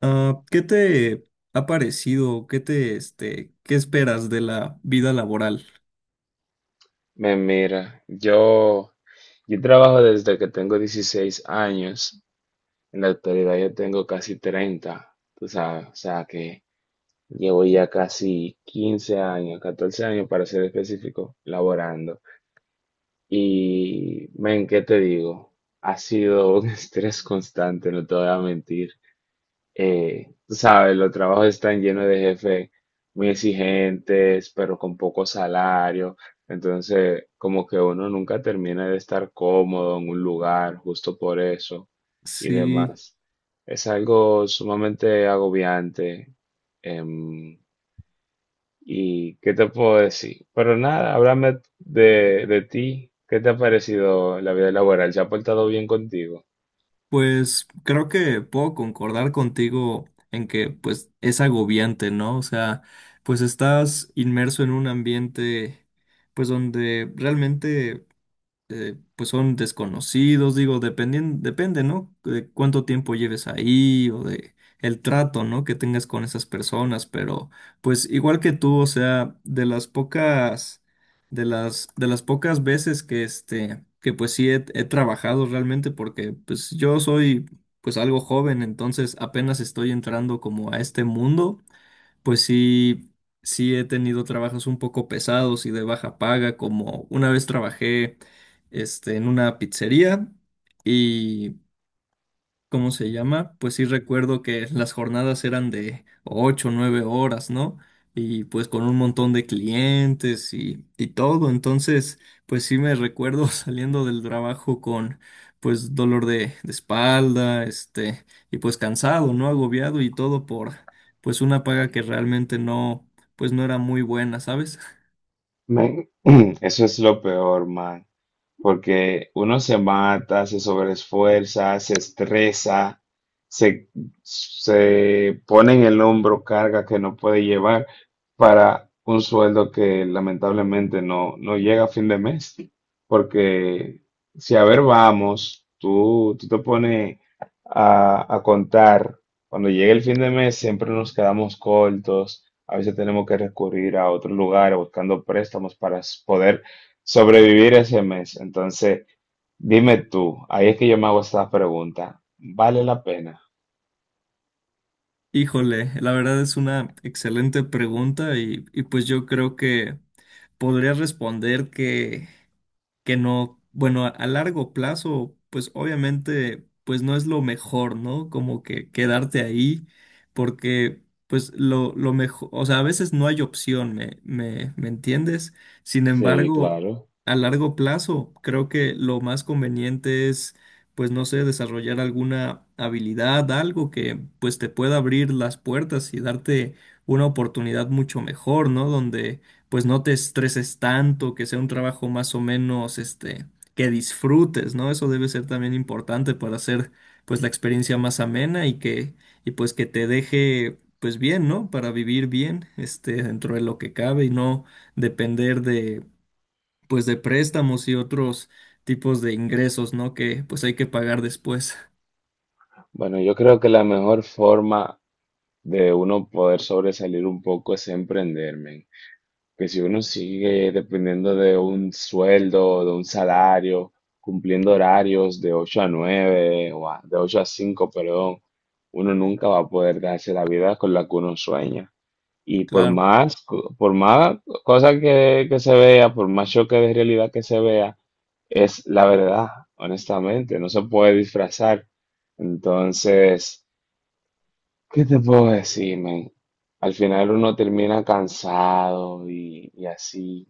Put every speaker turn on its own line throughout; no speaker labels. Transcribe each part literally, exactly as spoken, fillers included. Ah, ¿qué te ha parecido? ¿Qué te, este, qué esperas de la vida laboral?
Me mira, yo, yo trabajo desde que tengo dieciséis años. En la actualidad yo tengo casi treinta, tú sabes, o sea que llevo ya casi quince años, catorce años para ser específico, laborando. Y, men, ¿qué te digo? Ha sido un estrés constante, no te voy a mentir, eh, tú sabes, los trabajos están llenos de jefes muy exigentes, pero con poco salario. Entonces, como que uno nunca termina de estar cómodo en un lugar justo por eso y
Sí,
demás. Es algo sumamente agobiante. em, ¿Y qué te puedo decir? Pero nada, háblame de, de ti. ¿Qué te ha parecido la vida laboral? ¿Se ha portado bien contigo?
pues creo que puedo concordar contigo en que pues es agobiante, ¿no? O sea, pues estás inmerso en un ambiente pues donde realmente eh, pues son desconocidos, digo, dependien- depende, ¿no? De cuánto tiempo lleves ahí o de el trato, ¿no? Que tengas con esas personas, pero pues igual que tú, o sea, de las pocas, de las, de las pocas veces que este, que pues sí he, he trabajado realmente porque pues yo soy pues algo joven, entonces apenas estoy entrando como a este mundo, pues sí, sí he tenido trabajos un poco pesados y de baja paga, como una vez trabajé, este, en una pizzería y ¿cómo se llama? Pues sí recuerdo que las jornadas eran de ocho o nueve horas, ¿no? Y pues con un montón de clientes y, y todo. Entonces, pues sí me recuerdo saliendo del trabajo con pues dolor de, de espalda, este, y pues cansado, ¿no? Agobiado y todo por pues una paga que realmente no, pues no era muy buena, ¿sabes?
Me- Eso es lo peor, man. Porque uno se mata, se sobreesfuerza, se estresa, se, se pone en el hombro carga que no puede llevar para un sueldo que lamentablemente no, no llega a fin de mes. Porque si a ver vamos, tú, tú te pones a, a contar, cuando llega el fin de mes siempre nos quedamos cortos, a veces tenemos que recurrir a otros lugares buscando préstamos para s- poder sobrevivir ese mes. Entonces, dime tú, ahí es que yo me hago esta pregunta, ¿vale la pena?
Híjole, la verdad es una excelente pregunta y, y pues yo creo que podría responder que que no, bueno, a, a largo plazo, pues obviamente, pues no es lo mejor, ¿no? Como que quedarte ahí, porque pues lo, lo mejor, o sea, a veces no hay opción, ¿me, me, me entiendes? Sin
Sí,
embargo,
claro.
a largo plazo, creo que lo más conveniente es, pues no sé, desarrollar alguna habilidad, algo que pues te pueda abrir las puertas y darte una oportunidad mucho mejor, ¿no? Donde pues no te estreses tanto, que sea un trabajo más o menos, este, que disfrutes, ¿no? Eso debe ser también importante para hacer, pues, la experiencia más amena y que, y pues que te deje, pues, bien, ¿no? Para vivir bien, este, dentro de lo que cabe y no depender de, pues, de préstamos y otros tipos de ingresos, ¿no? Que, pues, hay que pagar después.
Bueno, yo creo que la mejor forma de uno poder sobresalir un poco es emprender, men. Que si uno sigue dependiendo de un sueldo, de un salario, cumpliendo horarios de ocho a nueve o a- de ocho a cinco, perdón, uno nunca va a poder darse la vida con la que uno sueña. Y por
Claro,
más, co- por más cosa que, que se vea, por más choque de realidad que se vea, es la verdad, honestamente, no se puede disfrazar. Entonces, ¿qué te puedo decir, men? Al final uno termina cansado y, y así,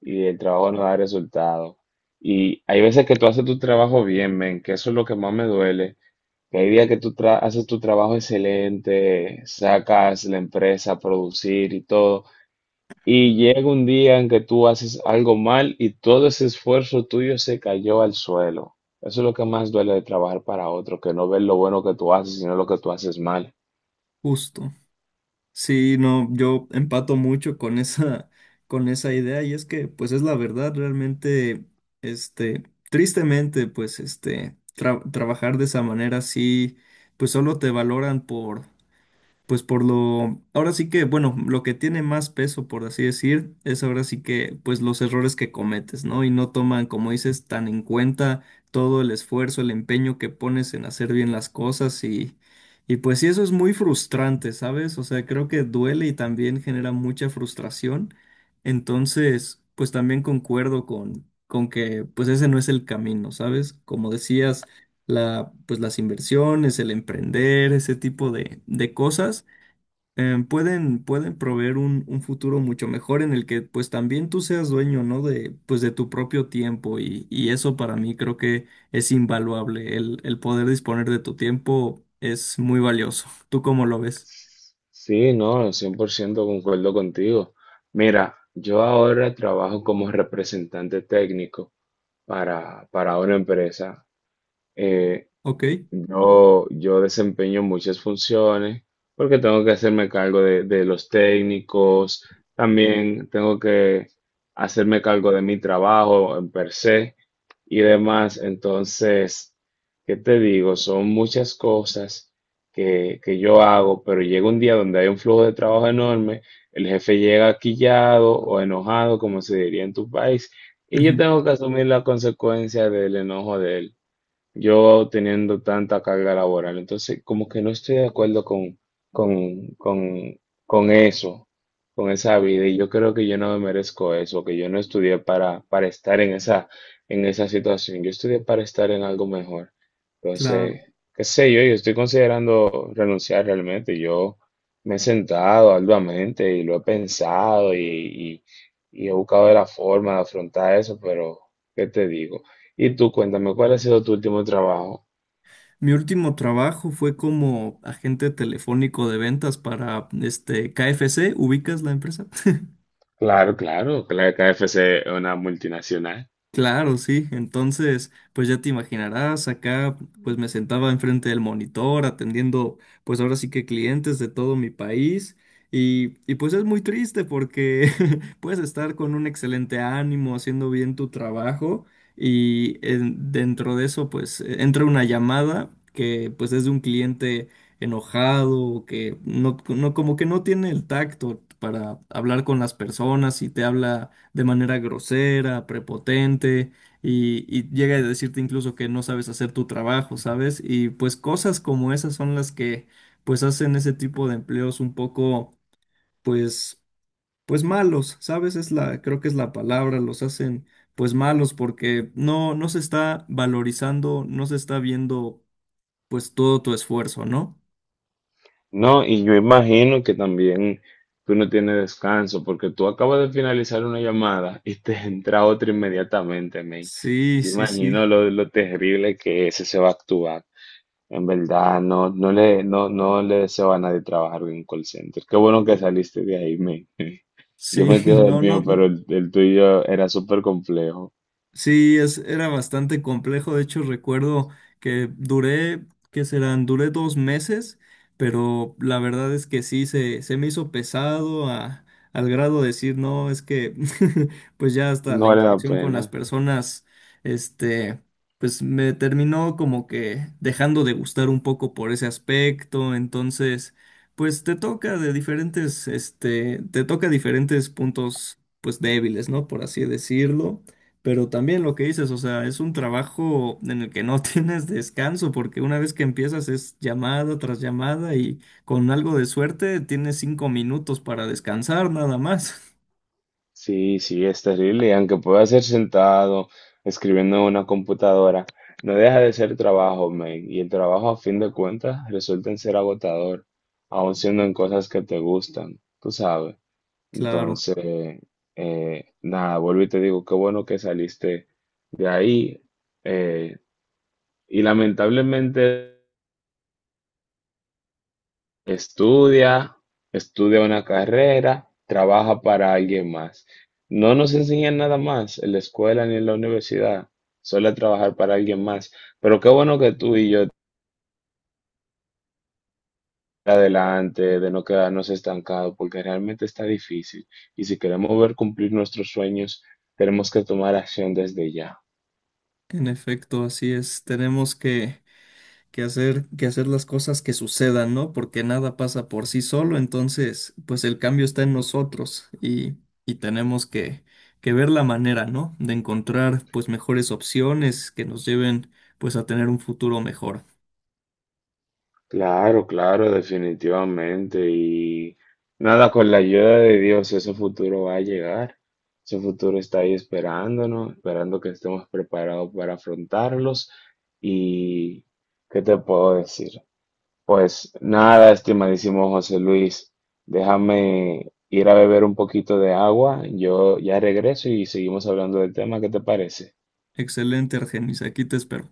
y el trabajo no da resultado. Y hay veces que tú haces tu trabajo bien, men, que eso es lo que más me duele. Que hay días que tú tra- haces tu trabajo excelente, sacas la empresa a producir y todo. Y llega un día en que tú haces algo mal y todo ese esfuerzo tuyo se cayó al suelo. Eso es lo que más duele de trabajar para otro, que no ver lo bueno que tú haces, sino lo que tú haces mal.
justo. Sí, no, yo empato mucho con esa, con esa idea y es que, pues es la verdad, realmente, este, tristemente, pues, este, tra- trabajar de esa manera, sí, pues solo te valoran por, pues por lo, ahora sí que, bueno, lo que tiene más peso, por así decir, es ahora sí que, pues los errores que cometes, ¿no? Y no toman, como dices, tan en cuenta todo el esfuerzo, el empeño que pones en hacer bien las cosas y, y pues sí, eso es muy frustrante, ¿sabes? O sea, creo que duele y también genera mucha frustración. Entonces, pues también concuerdo con, con que, pues ese no es el camino, ¿sabes? Como decías, la, pues las inversiones, el emprender, ese tipo de de cosas, em, pueden, pueden proveer un, un futuro mucho mejor en el que pues también tú seas dueño, ¿no? De, pues de tu propio tiempo y, y eso para mí creo que es invaluable. El, el poder disponer de tu tiempo es muy valioso. ¿Tú cómo lo ves?
Sí, no, cien por ciento concuerdo contigo. Mira, yo ahora trabajo como representante técnico para, para una empresa. Eh,
Ok.
Yo, yo desempeño muchas funciones porque tengo que hacerme cargo de, de los técnicos, también tengo que hacerme cargo de mi trabajo en per se y demás. Entonces, ¿qué te digo? Son muchas cosas que, que yo hago, pero llega un día donde hay un flujo de trabajo enorme, el jefe llega quillado o enojado, como se diría en tu país, y yo
Ujú.
tengo que asumir la consecuencia del enojo yo teniendo tanta carga laboral. Entonces, como que no estoy de acuerdo con, con, con, con eso, con esa vida. Y yo creo que yo no me merezco eso, que yo no estudié para, para estar en esa, en esa situación. Yo estudié para estar en algo mejor.
Claro.
Entonces, qué sé yo, yo estoy considerando renunciar realmente. Yo me he sentado arduamente y lo he pensado y, y y he buscado la forma de afrontar eso, pero ¿qué te digo? Y tú cuéntame, ¿cuál ha sido tu último trabajo?
Mi último trabajo fue como agente telefónico de ventas para este K F C. ¿Ubicas la empresa?
Claro, claro, que la K F C es una multinacional.
Claro, sí. Entonces, pues ya te imaginarás, acá pues me sentaba enfrente del monitor atendiendo pues ahora sí que clientes de todo mi país y, y pues es muy triste porque puedes estar con un excelente ánimo haciendo bien tu trabajo y en- dentro de eso pues eh, entra una llamada que pues es de un cliente enojado que no, no como que no tiene el tacto para hablar con las personas y te habla de manera grosera, prepotente y, y llega a decirte incluso que no sabes hacer tu trabajo, ¿sabes? Y pues cosas como esas son las que pues hacen ese tipo de empleos un poco pues pues malos, ¿sabes? Es la creo que es la palabra, los hacen pues malos porque no no se está valorizando, no se está viendo pues todo tu esfuerzo, ¿no?
No, y yo imagino que también tú no tienes descanso porque tú acabas de finalizar una llamada y te entra otra inmediatamente, men.
Sí,
Yo
sí, sí.
imagino lo, lo terrible que ese se va a actuar. En verdad, no, no le, no, no le deseo a nadie trabajar en un call center. Qué bueno que saliste de ahí, men. Yo
Sí,
me quedo del
no,
mío,
no.
pero el, el tuyo era súper complejo.
Sí, es, era bastante complejo. De hecho, recuerdo que duré, ¿qué serán? Duré dos meses, pero la verdad es que sí, se, se me hizo pesado a- al grado de decir, no, es que pues ya hasta
No
la
vale la
interacción con
pena.
las personas, este, pues me terminó como que dejando de gustar un poco por ese aspecto. Entonces, pues te toca de diferentes, este, te toca diferentes puntos, pues débiles, ¿no? Por así decirlo. Pero también lo que dices, o sea, es un trabajo en el que no tienes descanso, porque una vez que empiezas es llamada tras llamada y con algo de suerte tienes cinco minutos para descansar nada más.
Sí, sí, es terrible, y aunque pueda ser sentado escribiendo en una computadora, no deja de ser trabajo, man, y el trabajo a fin de cuentas resulta en ser agotador, aun siendo en cosas que te gustan, tú sabes.
Claro,
Entonces, eh, nada, vuelvo y te digo, qué bueno que saliste de ahí, eh, y lamentablemente, estudia, estudia una carrera, trabaja para alguien más. No nos enseñan nada más en la escuela ni en la universidad, solo a trabajar para alguien más. Pero qué bueno que tú y yo adelante, de no quedarnos estancados, porque realmente está difícil. Y si queremos ver cumplir nuestros sueños, tenemos que tomar acción desde ya.
en efecto, así es. Tenemos que que hacer, que hacer las cosas que sucedan, ¿no? Porque nada pasa por sí solo, entonces, pues el cambio está en nosotros y, y tenemos que, que ver la manera, ¿no? De encontrar, pues, mejores opciones que nos lleven, pues, a tener un futuro mejor.
Claro, claro, definitivamente. Y nada, con la ayuda de Dios, ese futuro va a llegar. Ese futuro está ahí esperándonos, esperando que estemos preparados para afrontarlos. Y, ¿qué te puedo decir? Pues nada, estimadísimo José Luis, déjame ir a beber un poquito de agua. Yo ya regreso y seguimos hablando del tema. ¿Qué te parece?
Excelente, Argenis, aquí te espero.